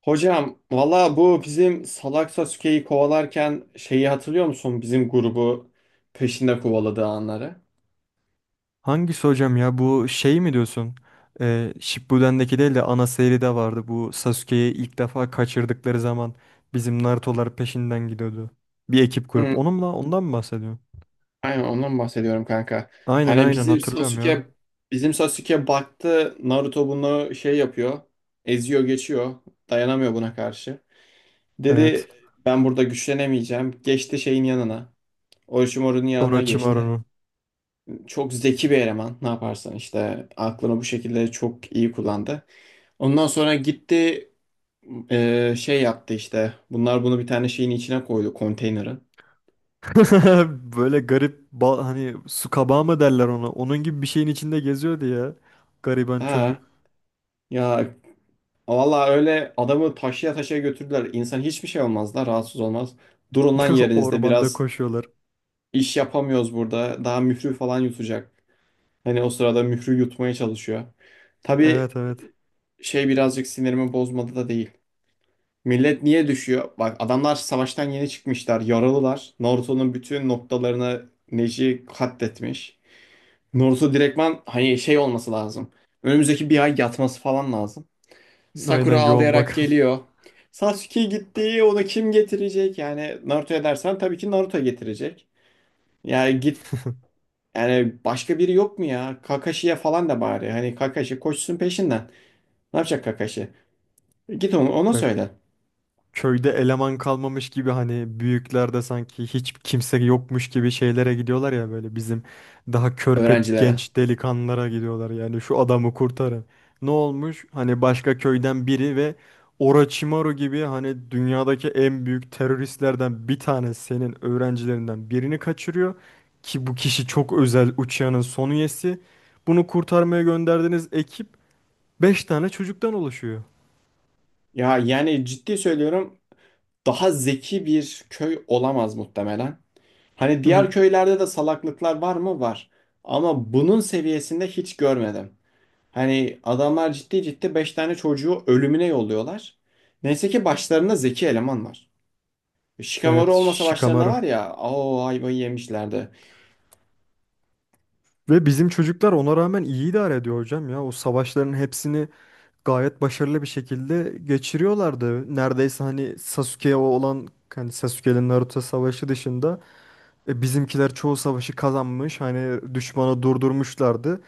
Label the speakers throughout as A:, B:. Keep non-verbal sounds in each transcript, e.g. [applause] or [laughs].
A: Hocam valla bu bizim Salak Sasuke'yi kovalarken şeyi hatırlıyor musun? Bizim grubu peşinde kovaladığı anları.
B: Hangisi hocam ya? Bu şey mi diyorsun? Shippuden'deki değil de ana seride vardı. Bu Sasuke'yi ilk defa kaçırdıkları zaman bizim Naruto'lar peşinden gidiyordu. Bir ekip
A: Hı,
B: kurup onunla. Ondan mı bahsediyorsun?
A: aynen ondan bahsediyorum kanka.
B: Aynen
A: Hani
B: aynen
A: bizim
B: hatırlıyorum ya.
A: Sasuke bizim Sasuke baktı Naruto bunu şey yapıyor. Eziyor geçiyor. Dayanamıyor buna karşı.
B: Evet.
A: Dedi ben burada güçlenemeyeceğim. Geçti şeyin yanına. Orochimaru'nun yanına geçti.
B: Orochimaru'nun.
A: Çok zeki bir eleman. Ne yaparsan işte aklını bu şekilde çok iyi kullandı. Ondan sonra gitti. Şey yaptı işte. Bunlar bunu bir tane şeyin içine koydu konteynerin.
B: [laughs] Böyle garip hani su kabağı mı derler ona? Onun gibi bir şeyin içinde geziyordu ya. Gariban
A: Ha
B: çocuk.
A: ya, vallahi öyle adamı taşıya taşıya götürdüler. İnsan hiçbir şey olmaz da rahatsız olmaz. Durun lan
B: [laughs]
A: yerinizde
B: Ormanda
A: biraz,
B: koşuyorlar.
A: iş yapamıyoruz burada. Daha mührü falan yutacak. Hani o sırada mührü yutmaya çalışıyor. Tabii
B: Evet evet.
A: şey birazcık sinirimi bozmadı da değil. Millet niye düşüyor? Bak adamlar savaştan yeni çıkmışlar, yaralılar. Naruto'nun bütün noktalarını Neji katletmiş. Naruto direktman hani şey olması lazım. Önümüzdeki bir ay yatması falan lazım.
B: Aynen
A: Sakura
B: yoğun
A: ağlayarak
B: bakım.
A: geliyor. Sasuke gitti, onu kim getirecek? Yani Naruto'ya dersen tabii ki Naruto getirecek. Yani git,
B: [laughs]
A: yani başka biri yok mu ya? Kakashi'ye falan da bari. Hani Kakashi koşsun peşinden. Ne yapacak Kakashi? Git onu, ona
B: Ya
A: söyle
B: köyde eleman kalmamış gibi hani büyüklerde sanki hiç kimse yokmuş gibi şeylere gidiyorlar ya böyle bizim daha körpe
A: öğrencilere.
B: genç delikanlılara gidiyorlar yani şu adamı kurtarın. Ne olmuş? Hani başka köyden biri ve Orochimaru gibi hani dünyadaki en büyük teröristlerden bir tane senin öğrencilerinden birini kaçırıyor ki bu kişi çok özel uçağının son üyesi. Bunu kurtarmaya gönderdiğiniz ekip 5 tane çocuktan oluşuyor.
A: Ya yani ciddi söylüyorum, daha zeki bir köy olamaz muhtemelen. Hani diğer
B: [laughs]
A: köylerde de salaklıklar var mı? Var. Ama bunun seviyesinde hiç görmedim. Hani adamlar ciddi ciddi 5 tane çocuğu ölümüne yolluyorlar. Neyse ki başlarında zeki eleman var.
B: Evet,
A: Shikamaru olmasa başlarında,
B: Shikamaru.
A: var ya, o ayvayı yemişlerdi.
B: Ve bizim çocuklar ona rağmen iyi idare ediyor hocam ya. O savaşların hepsini gayet başarılı bir şekilde geçiriyorlardı. Neredeyse hani Sasuke'ye olan hani Sasuke'nin Naruto savaşı dışında bizimkiler çoğu savaşı kazanmış. Hani düşmanı durdurmuşlardı.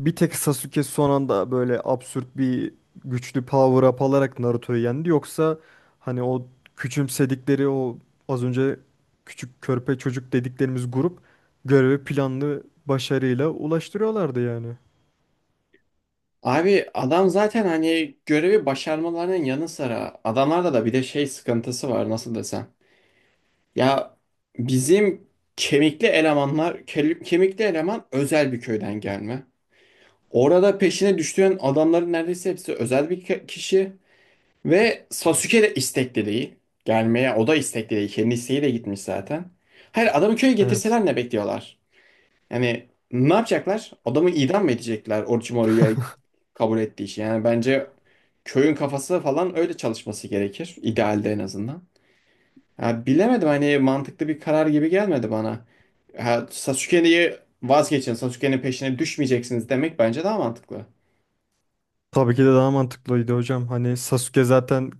B: Bir tek Sasuke son anda böyle absürt bir güçlü power up alarak Naruto'yu yendi. Yoksa hani o küçümsedikleri o az önce küçük körpe çocuk dediklerimiz grup görevi planlı başarıyla ulaştırıyorlardı yani.
A: Abi adam zaten hani görevi başarmalarının yanı sıra adamlarda da bir de şey sıkıntısı var, nasıl desem. Ya bizim kemikli elemanlar, kemikli eleman özel bir köyden gelme. Orada peşine düştüğün adamların neredeyse hepsi özel bir kişi ve Sasuke de istekli değil. Gelmeye o da istekli değil. Kendi isteğiyle gitmiş zaten. Hayır, adamı köye
B: Evet.
A: getirseler ne bekliyorlar? Yani ne yapacaklar? Adamı idam mı edecekler Orochimaru'ya kabul ettiği için? Yani bence köyün kafası falan öyle çalışması gerekir. İdealde en azından. Ha, bilemedim, hani mantıklı bir karar gibi gelmedi bana. Ha, Sasuke'yi vazgeçin, Sasuke'nin peşine düşmeyeceksiniz demek bence daha mantıklı.
B: Tabii ki de daha mantıklıydı hocam. Hani Sasuke zaten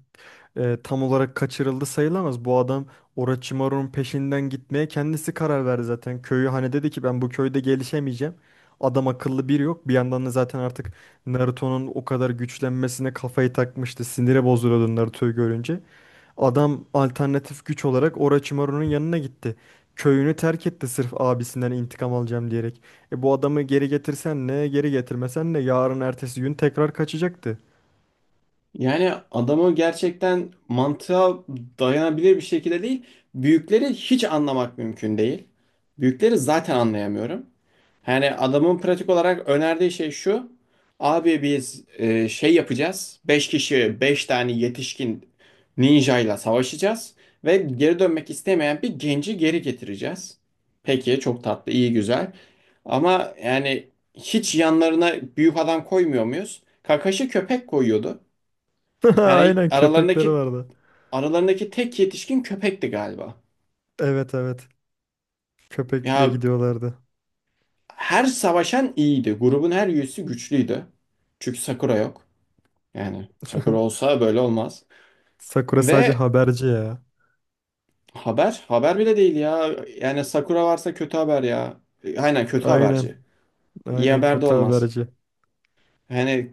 B: tam olarak kaçırıldı sayılamaz. Bu adam Orochimaru'nun peşinden gitmeye kendisi karar verdi zaten. Köyü hani dedi ki ben bu köyde gelişemeyeceğim. Adam akıllı biri yok. Bir yandan da zaten artık Naruto'nun o kadar güçlenmesine kafayı takmıştı. Sinire bozuluyordu Naruto'yu görünce. Adam alternatif güç olarak Orochimaru'nun yanına gitti. Köyünü terk etti sırf abisinden intikam alacağım diyerek. E bu adamı geri getirsen ne, geri getirmesen ne, yarın ertesi gün tekrar kaçacaktı.
A: Yani adamı gerçekten mantığa dayanabilir bir şekilde değil. Büyükleri hiç anlamak mümkün değil. Büyükleri zaten anlayamıyorum. Yani adamın pratik olarak önerdiği şey şu. Abi biz şey yapacağız. Beş kişi 5 tane yetişkin ninjayla savaşacağız. Ve geri dönmek istemeyen bir genci geri getireceğiz. Peki, çok tatlı, iyi, güzel. Ama yani hiç yanlarına büyük adam koymuyor muyuz? Kakashi köpek koyuyordu.
B: [laughs]
A: Yani
B: Aynen köpekleri
A: aralarındaki
B: vardı.
A: aralarındaki tek yetişkin köpekti galiba.
B: Evet evet. Köpekle
A: Ya,
B: gidiyorlardı.
A: her savaşan iyiydi. Grubun her üyesi güçlüydü. Çünkü Sakura yok. Yani Sakura
B: [laughs]
A: olsa böyle olmaz.
B: Sakura sadece
A: Ve
B: haberci ya.
A: haber bile değil ya. Yani Sakura varsa kötü haber ya. Aynen kötü
B: Aynen.
A: haberci. İyi
B: Aynen
A: haber de
B: kötü
A: olmaz.
B: haberci.
A: Yani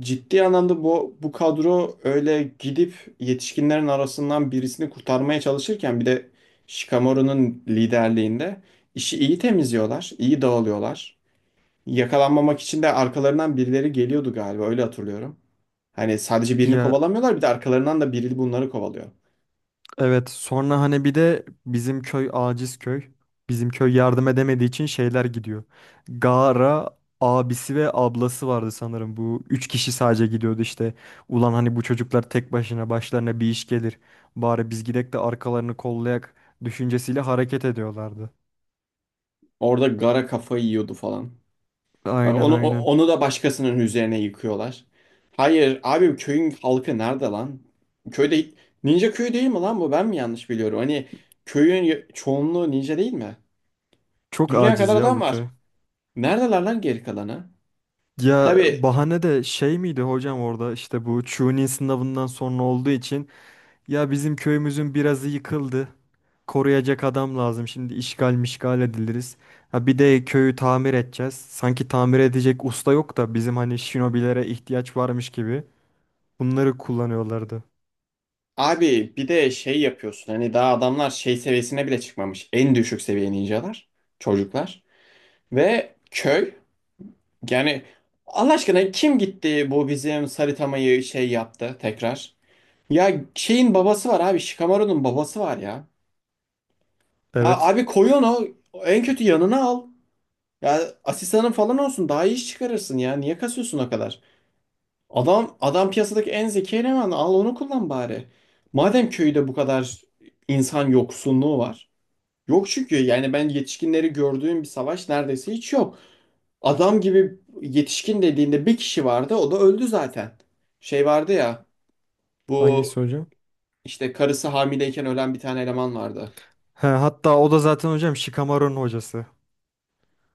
A: ciddi anlamda bu kadro öyle gidip yetişkinlerin arasından birisini kurtarmaya çalışırken bir de Shikamaru'nun liderliğinde işi iyi temizliyorlar, iyi dağılıyorlar. Yakalanmamak için de arkalarından birileri geliyordu galiba, öyle hatırlıyorum. Hani sadece birini
B: Ya
A: kovalamıyorlar, bir de arkalarından da biri bunları kovalıyor.
B: evet, sonra hani bir de bizim köy aciz köy. Bizim köy yardım edemediği için şeyler gidiyor. Gaara abisi ve ablası vardı sanırım. Bu üç kişi sadece gidiyordu işte. Ulan hani bu çocuklar tek başına başlarına bir iş gelir. Bari biz gidek de arkalarını kollayak düşüncesiyle hareket ediyorlardı.
A: Orada Gara kafayı yiyordu falan. Bak
B: Aynen
A: onu
B: aynen.
A: onu da başkasının üzerine yıkıyorlar. Hayır abi, köyün halkı nerede lan? Köyde, ninja köyü değil mi lan bu? Ben mi yanlış biliyorum? Hani köyün çoğunluğu ninja değil mi?
B: Çok
A: Dünya
B: aciz
A: kadar
B: ya
A: adam
B: bu
A: var.
B: köy.
A: Neredeler lan geri kalanı?
B: Ya
A: Tabii
B: bahane de şey miydi hocam orada işte bu Chunin sınavından sonra olduğu için ya bizim köyümüzün birazı yıkıldı. Koruyacak adam lazım. Şimdi işgal mişgal ediliriz. Ha bir de köyü tamir edeceğiz. Sanki tamir edecek usta yok da bizim hani shinobilere ihtiyaç varmış gibi. Bunları kullanıyorlardı.
A: abi, bir de şey yapıyorsun. Hani daha adamlar şey seviyesine bile çıkmamış. En düşük seviye ninjalar, çocuklar ve köy. Yani Allah aşkına kim gitti bu bizim Saritama'yı şey yaptı tekrar? Ya şeyin babası var abi. Shikamaru'nun babası var ya. Ya
B: Evet.
A: abi koy onu. En kötü yanına al. Ya asistanın falan olsun. Daha iyi iş çıkarırsın ya. Niye kasıyorsun o kadar? Adam piyasadaki en zeki eleman. Al onu kullan bari. Madem köyde bu kadar insan yoksunluğu var. Yok çünkü yani ben yetişkinleri gördüğüm bir savaş neredeyse hiç yok. Adam gibi yetişkin dediğinde bir kişi vardı. O da öldü zaten. Şey vardı ya. Bu
B: Hangisi hocam?
A: işte karısı hamileyken ölen bir tane eleman vardı.
B: He, hatta o da zaten hocam Shikamaru'nun hocası.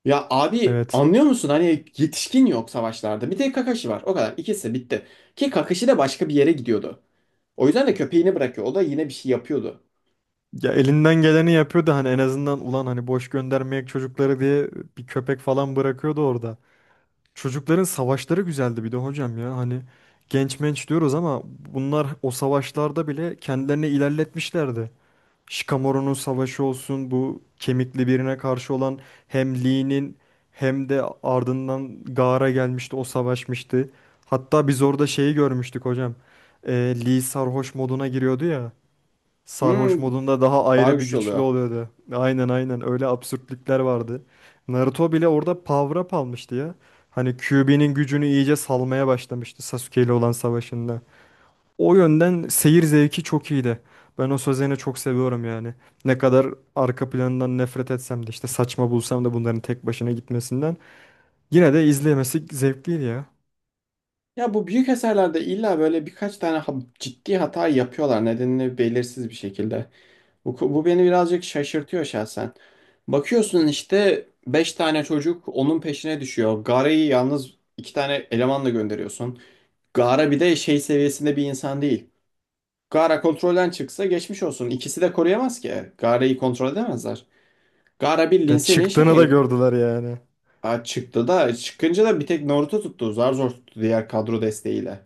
A: Ya abi
B: Evet.
A: anlıyor musun? Hani yetişkin yok savaşlarda. Bir tek Kakashi var. O kadar. İkisi bitti. Ki Kakashi de başka bir yere gidiyordu. O yüzden de köpeğini bırakıyor. O da yine bir şey yapıyordu.
B: Ya elinden geleni yapıyordu hani en azından ulan hani boş göndermeyek çocukları diye bir köpek falan bırakıyordu orada. Çocukların savaşları güzeldi bir de hocam ya. Hani genç menç diyoruz ama bunlar o savaşlarda bile kendilerini ilerletmişlerdi. Shikamaru'nun savaşı olsun bu kemikli birine karşı olan hem Lee'nin hem de ardından Gaara gelmişti, o savaşmıştı. Hatta biz orada şeyi görmüştük hocam. Ee, Lee sarhoş moduna giriyordu ya. Sarhoş
A: Hmm,
B: modunda daha
A: daha
B: ayrı bir
A: güçlü
B: güçlü
A: oluyor.
B: oluyordu. Aynen aynen öyle absürtlükler vardı. Naruto bile orada power up almıştı ya. Hani Kyuubi'nin gücünü iyice salmaya başlamıştı Sasuke ile olan savaşında. O yönden seyir zevki çok iyiydi. Ben o Sözen'i çok seviyorum yani. Ne kadar arka planından nefret etsem de işte saçma bulsam da bunların tek başına gitmesinden. Yine de izlemesi zevkliydi ya.
A: Ya bu büyük eserlerde illa böyle birkaç tane ciddi hata yapıyorlar. Nedenini belirsiz bir şekilde. Bu beni birazcık şaşırtıyor şahsen. Bakıyorsun işte 5 tane çocuk onun peşine düşüyor. Gaara'yı yalnız iki tane elemanla gönderiyorsun. Gaara bir de şey seviyesinde bir insan değil. Gaara kontrolden çıksa geçmiş olsun. İkisi de koruyamaz ki. Gaara'yı kontrol edemezler. Gaara bildiğin
B: Ya
A: senin
B: çıktığını da
A: şeyin.
B: gördüler yani.
A: Ha, çıktı da, çıkınca da bir tek Naruto tuttu. Zar zor tuttu diğer kadro desteğiyle.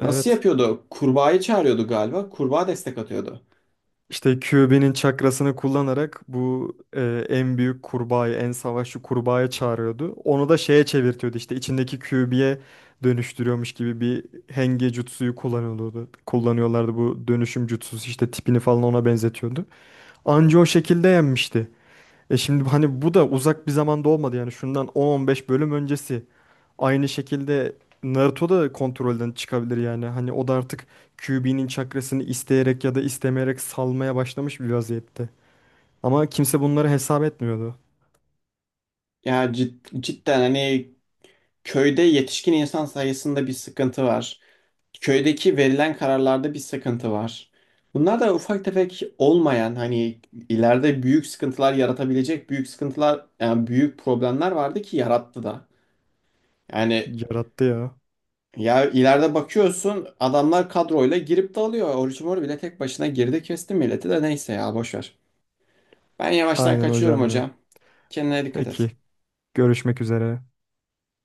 A: Nasıl yapıyordu? Kurbağayı çağırıyordu galiba. Kurbağa destek atıyordu.
B: İşte QB'nin çakrasını kullanarak bu en büyük kurbağayı, en savaşçı kurbağayı çağırıyordu. Onu da şeye çevirtiyordu işte içindeki QB'ye dönüştürüyormuş gibi bir henge jutsuyu kullanıyordu. Kullanıyorlardı bu dönüşüm jutsusu işte tipini falan ona benzetiyordu. Anca o şekilde yenmişti. E şimdi hani bu da uzak bir zamanda olmadı yani şundan 10-15 bölüm öncesi. Aynı şekilde Naruto da kontrolden çıkabilir yani. Hani o da artık Kyuubi'nin çakrasını isteyerek ya da istemeyerek salmaya başlamış bir vaziyette. Ama kimse bunları hesap etmiyordu.
A: Ya cidden hani köyde yetişkin insan sayısında bir sıkıntı var. Köydeki verilen kararlarda bir sıkıntı var. Bunlar da ufak tefek olmayan, hani ileride büyük sıkıntılar yaratabilecek büyük sıkıntılar, yani büyük problemler vardı ki yarattı da. Yani
B: Yarattı ya.
A: ya, ileride bakıyorsun adamlar kadroyla girip de alıyor. Orucumor bile tek başına girdi, kesti milleti de, neyse ya boş ver. Ben yavaştan
B: Aynen
A: kaçıyorum
B: hocam ya.
A: hocam. Kendine dikkat et.
B: Peki, görüşmek üzere.